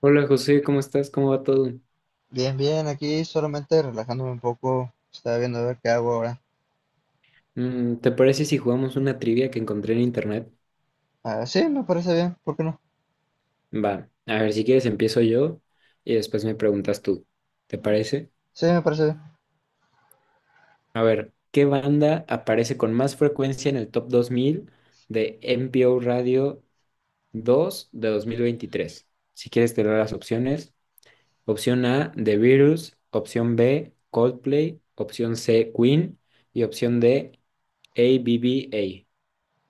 Hola José, ¿cómo estás? ¿Cómo va todo? Bien, bien, aquí solamente relajándome un poco, estaba viendo a ver qué hago ahora. ¿Te parece si jugamos una trivia que encontré en internet? Ah, sí, me parece bien, ¿por qué no? Va, a ver, si quieres empiezo yo y después me preguntas tú. ¿Te parece? Sí, me parece bien. A ver, ¿qué banda aparece con más frecuencia en el top 2000 de NPO Radio 2 de 2023? Si quieres te doy las opciones. Opción A, The Virus. Opción B, Coldplay. Opción C, Queen. Y opción D, ABBA.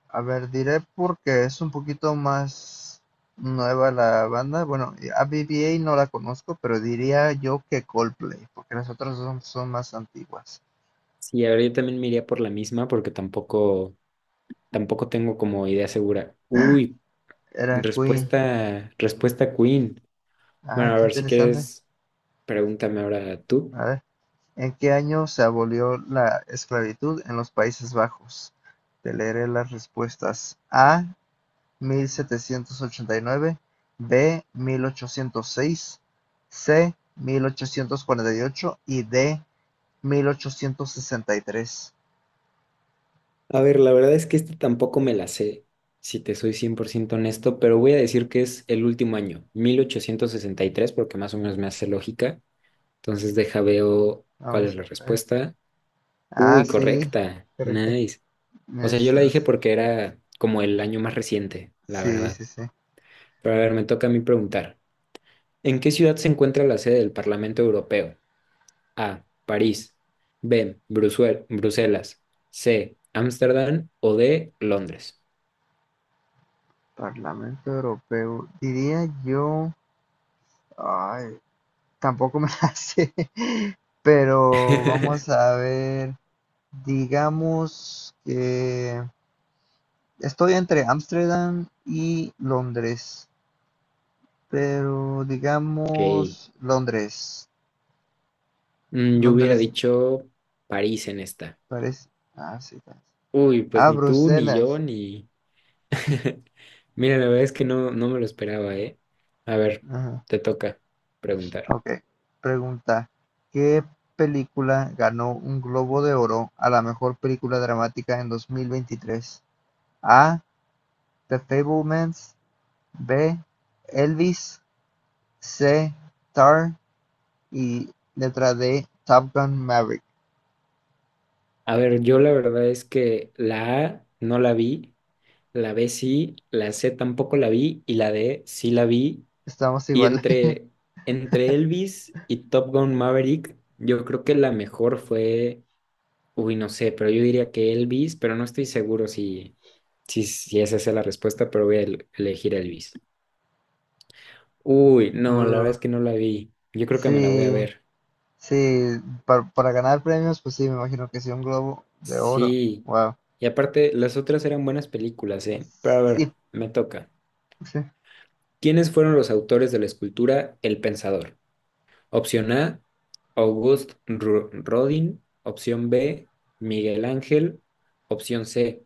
A ver, diré porque es un poquito más nueva la banda. Bueno, y a BBA no la conozco, pero diría yo que Coldplay, porque las otras son más antiguas. Sí, a ver, yo también me iría por la misma porque tampoco tengo como idea segura. Uy, Era Queen. respuesta Queen. Ah, Bueno, a qué ver, si interesante. quieres, pregúntame ahora tú. A ver, ¿en qué año se abolió la esclavitud en los Países Bajos? Te leeré las respuestas. A, mil setecientos ochenta y nueve; b. mil ochocientos seis; c. mil ochocientos cuarenta y ocho; y d. mil ochocientos sesenta y tres. A ver, la verdad es que este tampoco me la sé, si te soy 100% honesto, pero voy a decir que es el último año, 1863 porque más o menos me hace lógica. Entonces deja veo cuál es Vamos la a ver. respuesta. Ah, Uy, sí, correcta. correcto. Nice. O sea, yo la dije 1800. porque era como el año más reciente, la Sí, verdad. sí, sí. Pero a ver, me toca a mí preguntar. ¿En qué ciudad se encuentra la sede del Parlamento Europeo? A. París. B. Bruselas. C. Ámsterdam. O D. Londres. Parlamento Europeo. Diría yo. Ay, tampoco me la sé. Pero vamos a ver. Digamos que estoy entre Ámsterdam y Londres. Pero Ok. digamos Londres. Mm, yo hubiera Londres dicho París en esta. parece. Ah, sí. Uy, pues Ah, ni tú, ni yo, Bruselas. ni... Mira, la verdad es que no, no me lo esperaba, ¿eh? A ver, Ajá. te toca preguntar. Ok. Pregunta. ¿Qué película ganó un Globo de Oro a la mejor película dramática en 2023? A. The Fablemans. B. Elvis. C. Tar. Y letra D. Top Gun Maverick. A ver, yo la verdad es que la A no la vi. La B sí, la C tampoco la vi y la D sí la vi. Estamos Y igual. entre Elvis y Top Gun Maverick, yo creo que la mejor fue, uy, no sé, pero yo diría que Elvis, pero no estoy seguro si esa es la respuesta, pero voy a elegir Elvis. Uy, no, la verdad Uh, es que no la vi. Yo creo que me la voy a sí. ver. Sí, para ganar premios, pues sí, me imagino que sí, un globo de oro. Sí. Wow. Y aparte, las otras eran buenas películas, ¿eh? Pero a Sí, ver, me toca. sí. ¿Quiénes fueron los autores de la escultura El Pensador? Opción A, Rodin. Opción B, Miguel Ángel. Opción C,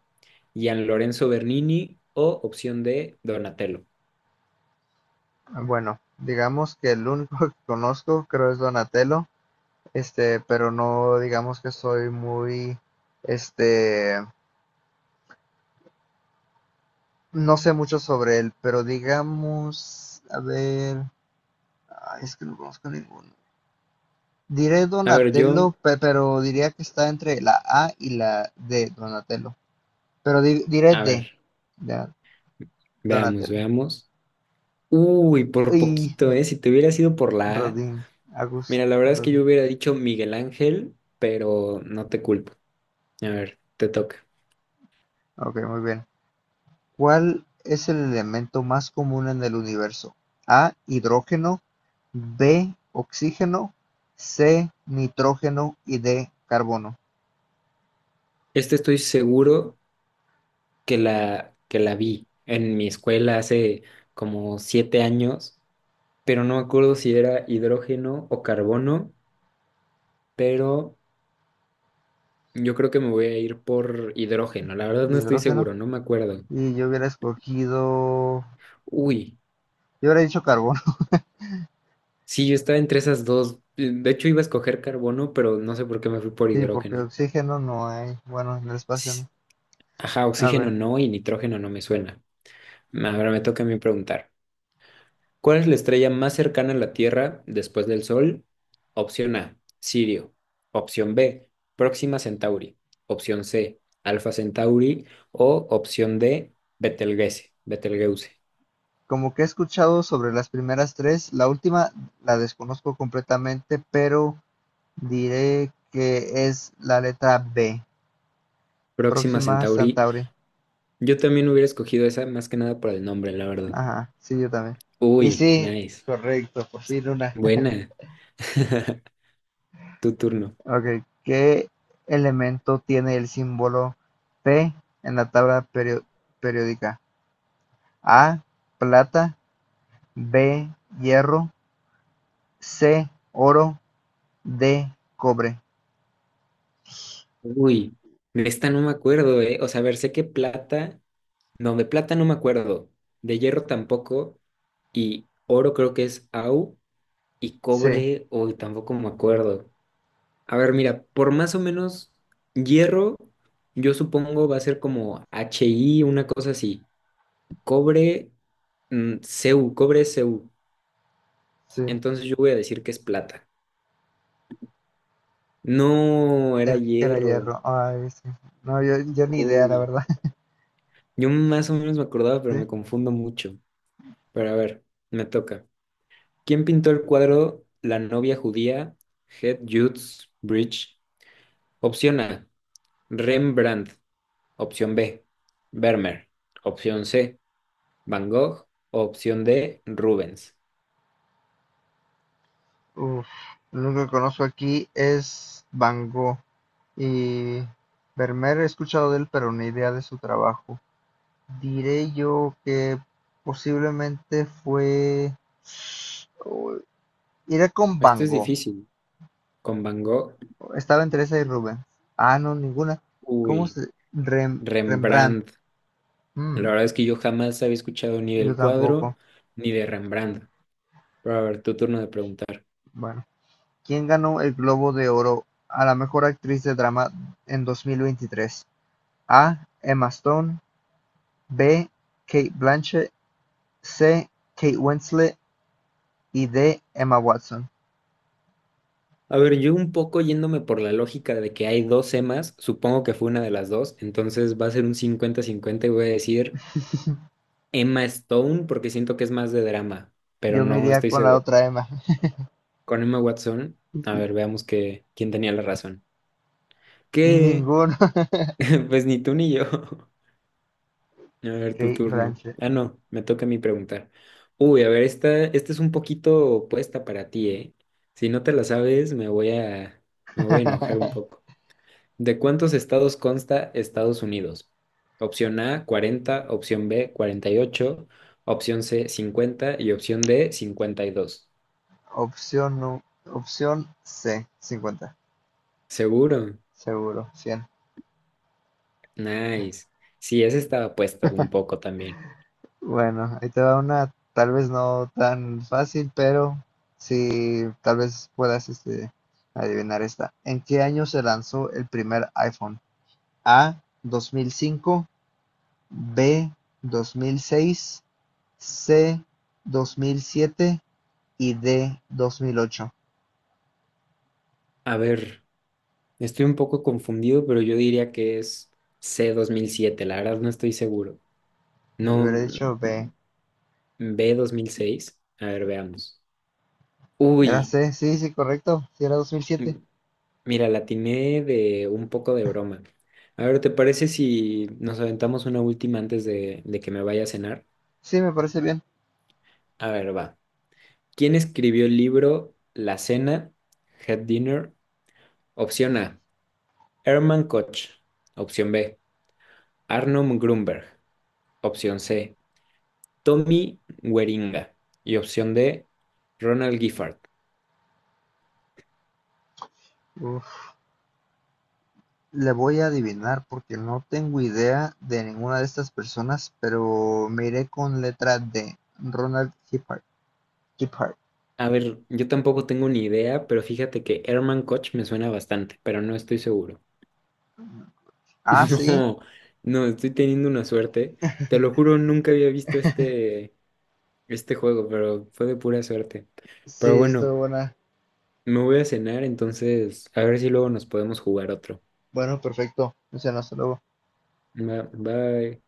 Gian Lorenzo Bernini. O opción D, Donatello. Bueno, digamos que el único que conozco creo es Donatello, pero no digamos que soy muy, este, no sé mucho sobre él, pero digamos, a ver, ay, es que no conozco ninguno. Diré A ver, yo, Donatello, pero diría que está entre la A y la D, Donatello. Pero diré a D, ver, ya, veamos, Donatello. veamos. Uy, por poquito, ¿eh? Si te hubiera sido por la A. Rodin, August Mira, la verdad es que Rodin. yo hubiera dicho Miguel Ángel, pero no te culpo. A ver, te toca. Ok, muy bien. ¿Cuál es el elemento más común en el universo? A, hidrógeno, B, oxígeno, C, nitrógeno y D, carbono. Este estoy seguro que que la vi en mi escuela hace como 7 años, pero no me acuerdo si era hidrógeno o carbono, pero yo creo que me voy a ir por hidrógeno. La verdad no estoy Hidrógeno. seguro, no me acuerdo. Y yo hubiera escogido... Uy, Yo hubiera dicho carbono. sí, yo estaba entre esas dos. De hecho, iba a escoger carbono, pero no sé por qué me fui por Sí, porque hidrógeno. oxígeno no hay. Bueno, en el espacio S- no. Ajá, A oxígeno ver. no y nitrógeno no me suena. Ahora me toca a mí preguntar. ¿Cuál es la estrella más cercana a la Tierra después del Sol? Opción A, Sirio. Opción B, Próxima Centauri. Opción C, Alfa Centauri. O opción D, Betelgeuse. Betelgeuse. Como que he escuchado sobre las primeras tres, la última la desconozco completamente, pero diré que es la letra B, Próxima próxima a Centauri. Centauri. Yo también hubiera escogido esa más que nada por el nombre, la verdad. Ajá, sí, yo también. Y Uy, sí, nice. correcto, por fin una. Buena. Tu turno. Ok, ¿qué elemento tiene el símbolo P en la tabla periódica? A, plata, B, hierro, C, oro, D, cobre. Uy, de esta no me acuerdo, ¿eh? O sea, a ver, sé que plata, no, de plata no me acuerdo, de hierro tampoco, y oro creo que es AU y Sí, cobre, hoy tampoco me acuerdo. A ver, mira, por más o menos hierro, yo supongo va a ser como HI, una cosa así. Cobre, CU, cobre es CU. sí, Entonces yo voy a decir que es plata. No, era era hierro. hierro. Ay, sí. No, yo ni idea, la Uy, verdad. yo más o menos me acordaba, pero Sí. me confundo mucho. Pero a ver, me toca. ¿Quién pintó el cuadro La novia judía? Head Jude's Bridge. Opción A. Rembrandt, opción B. Vermeer, opción C. Van Gogh, opción D. Rubens. Uf, lo único que conozco aquí es Van Gogh y Vermeer, he escuchado de él, pero ni idea de su trabajo. Diré yo que posiblemente fue... oh, iré con Van Este es Gogh. difícil. Con Van Gogh, Estaba entre esa y Rubens. Ah, no, ninguna. ¿Cómo uy, se...? Rembrandt. Rembrandt. La Mm, verdad es que yo jamás había escuchado ni yo del cuadro tampoco. ni de Rembrandt. Pero a ver, tu turno de preguntar. Bueno, ¿quién ganó el Globo de Oro a la mejor actriz de drama en 2023? A. Emma Stone. B. Kate Blanchett. C. Kate Winslet y D. Emma Watson. A ver, yo un poco yéndome por la lógica de que hay dos Emas, supongo que fue una de las dos, entonces va a ser un 50-50 y voy a decir Emma Stone porque siento que es más de drama, pero Yo me no iría estoy con la seguro. otra Emma. Con Emma Watson, a ver, veamos que, quién tenía la razón. Que, Ninguno. pues ni tú ni yo. A ver, tu Kate turno. Blanchett. Ah, no, me toca a mí preguntar. Uy, a ver, esta es un poquito opuesta para ti, ¿eh? Si no te la sabes, me voy a enojar un poco. ¿De cuántos estados consta Estados Unidos? Opción A, 40. Opción B, 48. Opción C, 50. Y opción D, 52. Opción, no. Opción C. 50. ¿Seguro? Seguro. 100. Nice. Sí, esa estaba puesta un poco también. Bueno, ahí te va una tal vez no tan fácil, pero sí, tal vez puedas adivinar esta. ¿En qué año se lanzó el primer iPhone? A. 2005. B. 2006. C. 2007 y D dos mil ocho. A ver, estoy un poco confundido, pero yo diría que es c 2007. La verdad no estoy seguro. Yo No, hubiera mm, dicho B. B 2006. A ver, veamos. Era Uy, C, sí, sí, correcto. Si era 2007. mm, Mira, la atiné de un poco de broma. A ver, ¿te parece si nos aventamos una última antes de que me vaya a cenar? Sí, me parece bien. A ver, va. ¿Quién escribió el libro La Cena, Head Dinner? Opción A, Herman Koch. Opción B, Arnold Grunberg. Opción C, Tommy Gueringa y opción D, Ronald Giffard. Uf, le voy a adivinar porque no tengo idea de ninguna de estas personas, pero me iré con letra D. Ronald Giphart. Giphart. A ver, yo tampoco tengo ni idea, pero fíjate que Herman Koch me suena bastante, pero no estoy seguro. Ah, sí. No, no, estoy teniendo una suerte. Te lo juro, nunca había visto este juego, pero fue de pura suerte. Pero Sí, estuvo bueno, buena. me voy a cenar, entonces a ver si luego nos podemos jugar otro. Bueno, perfecto. O sea, no, hasta luego. Bye.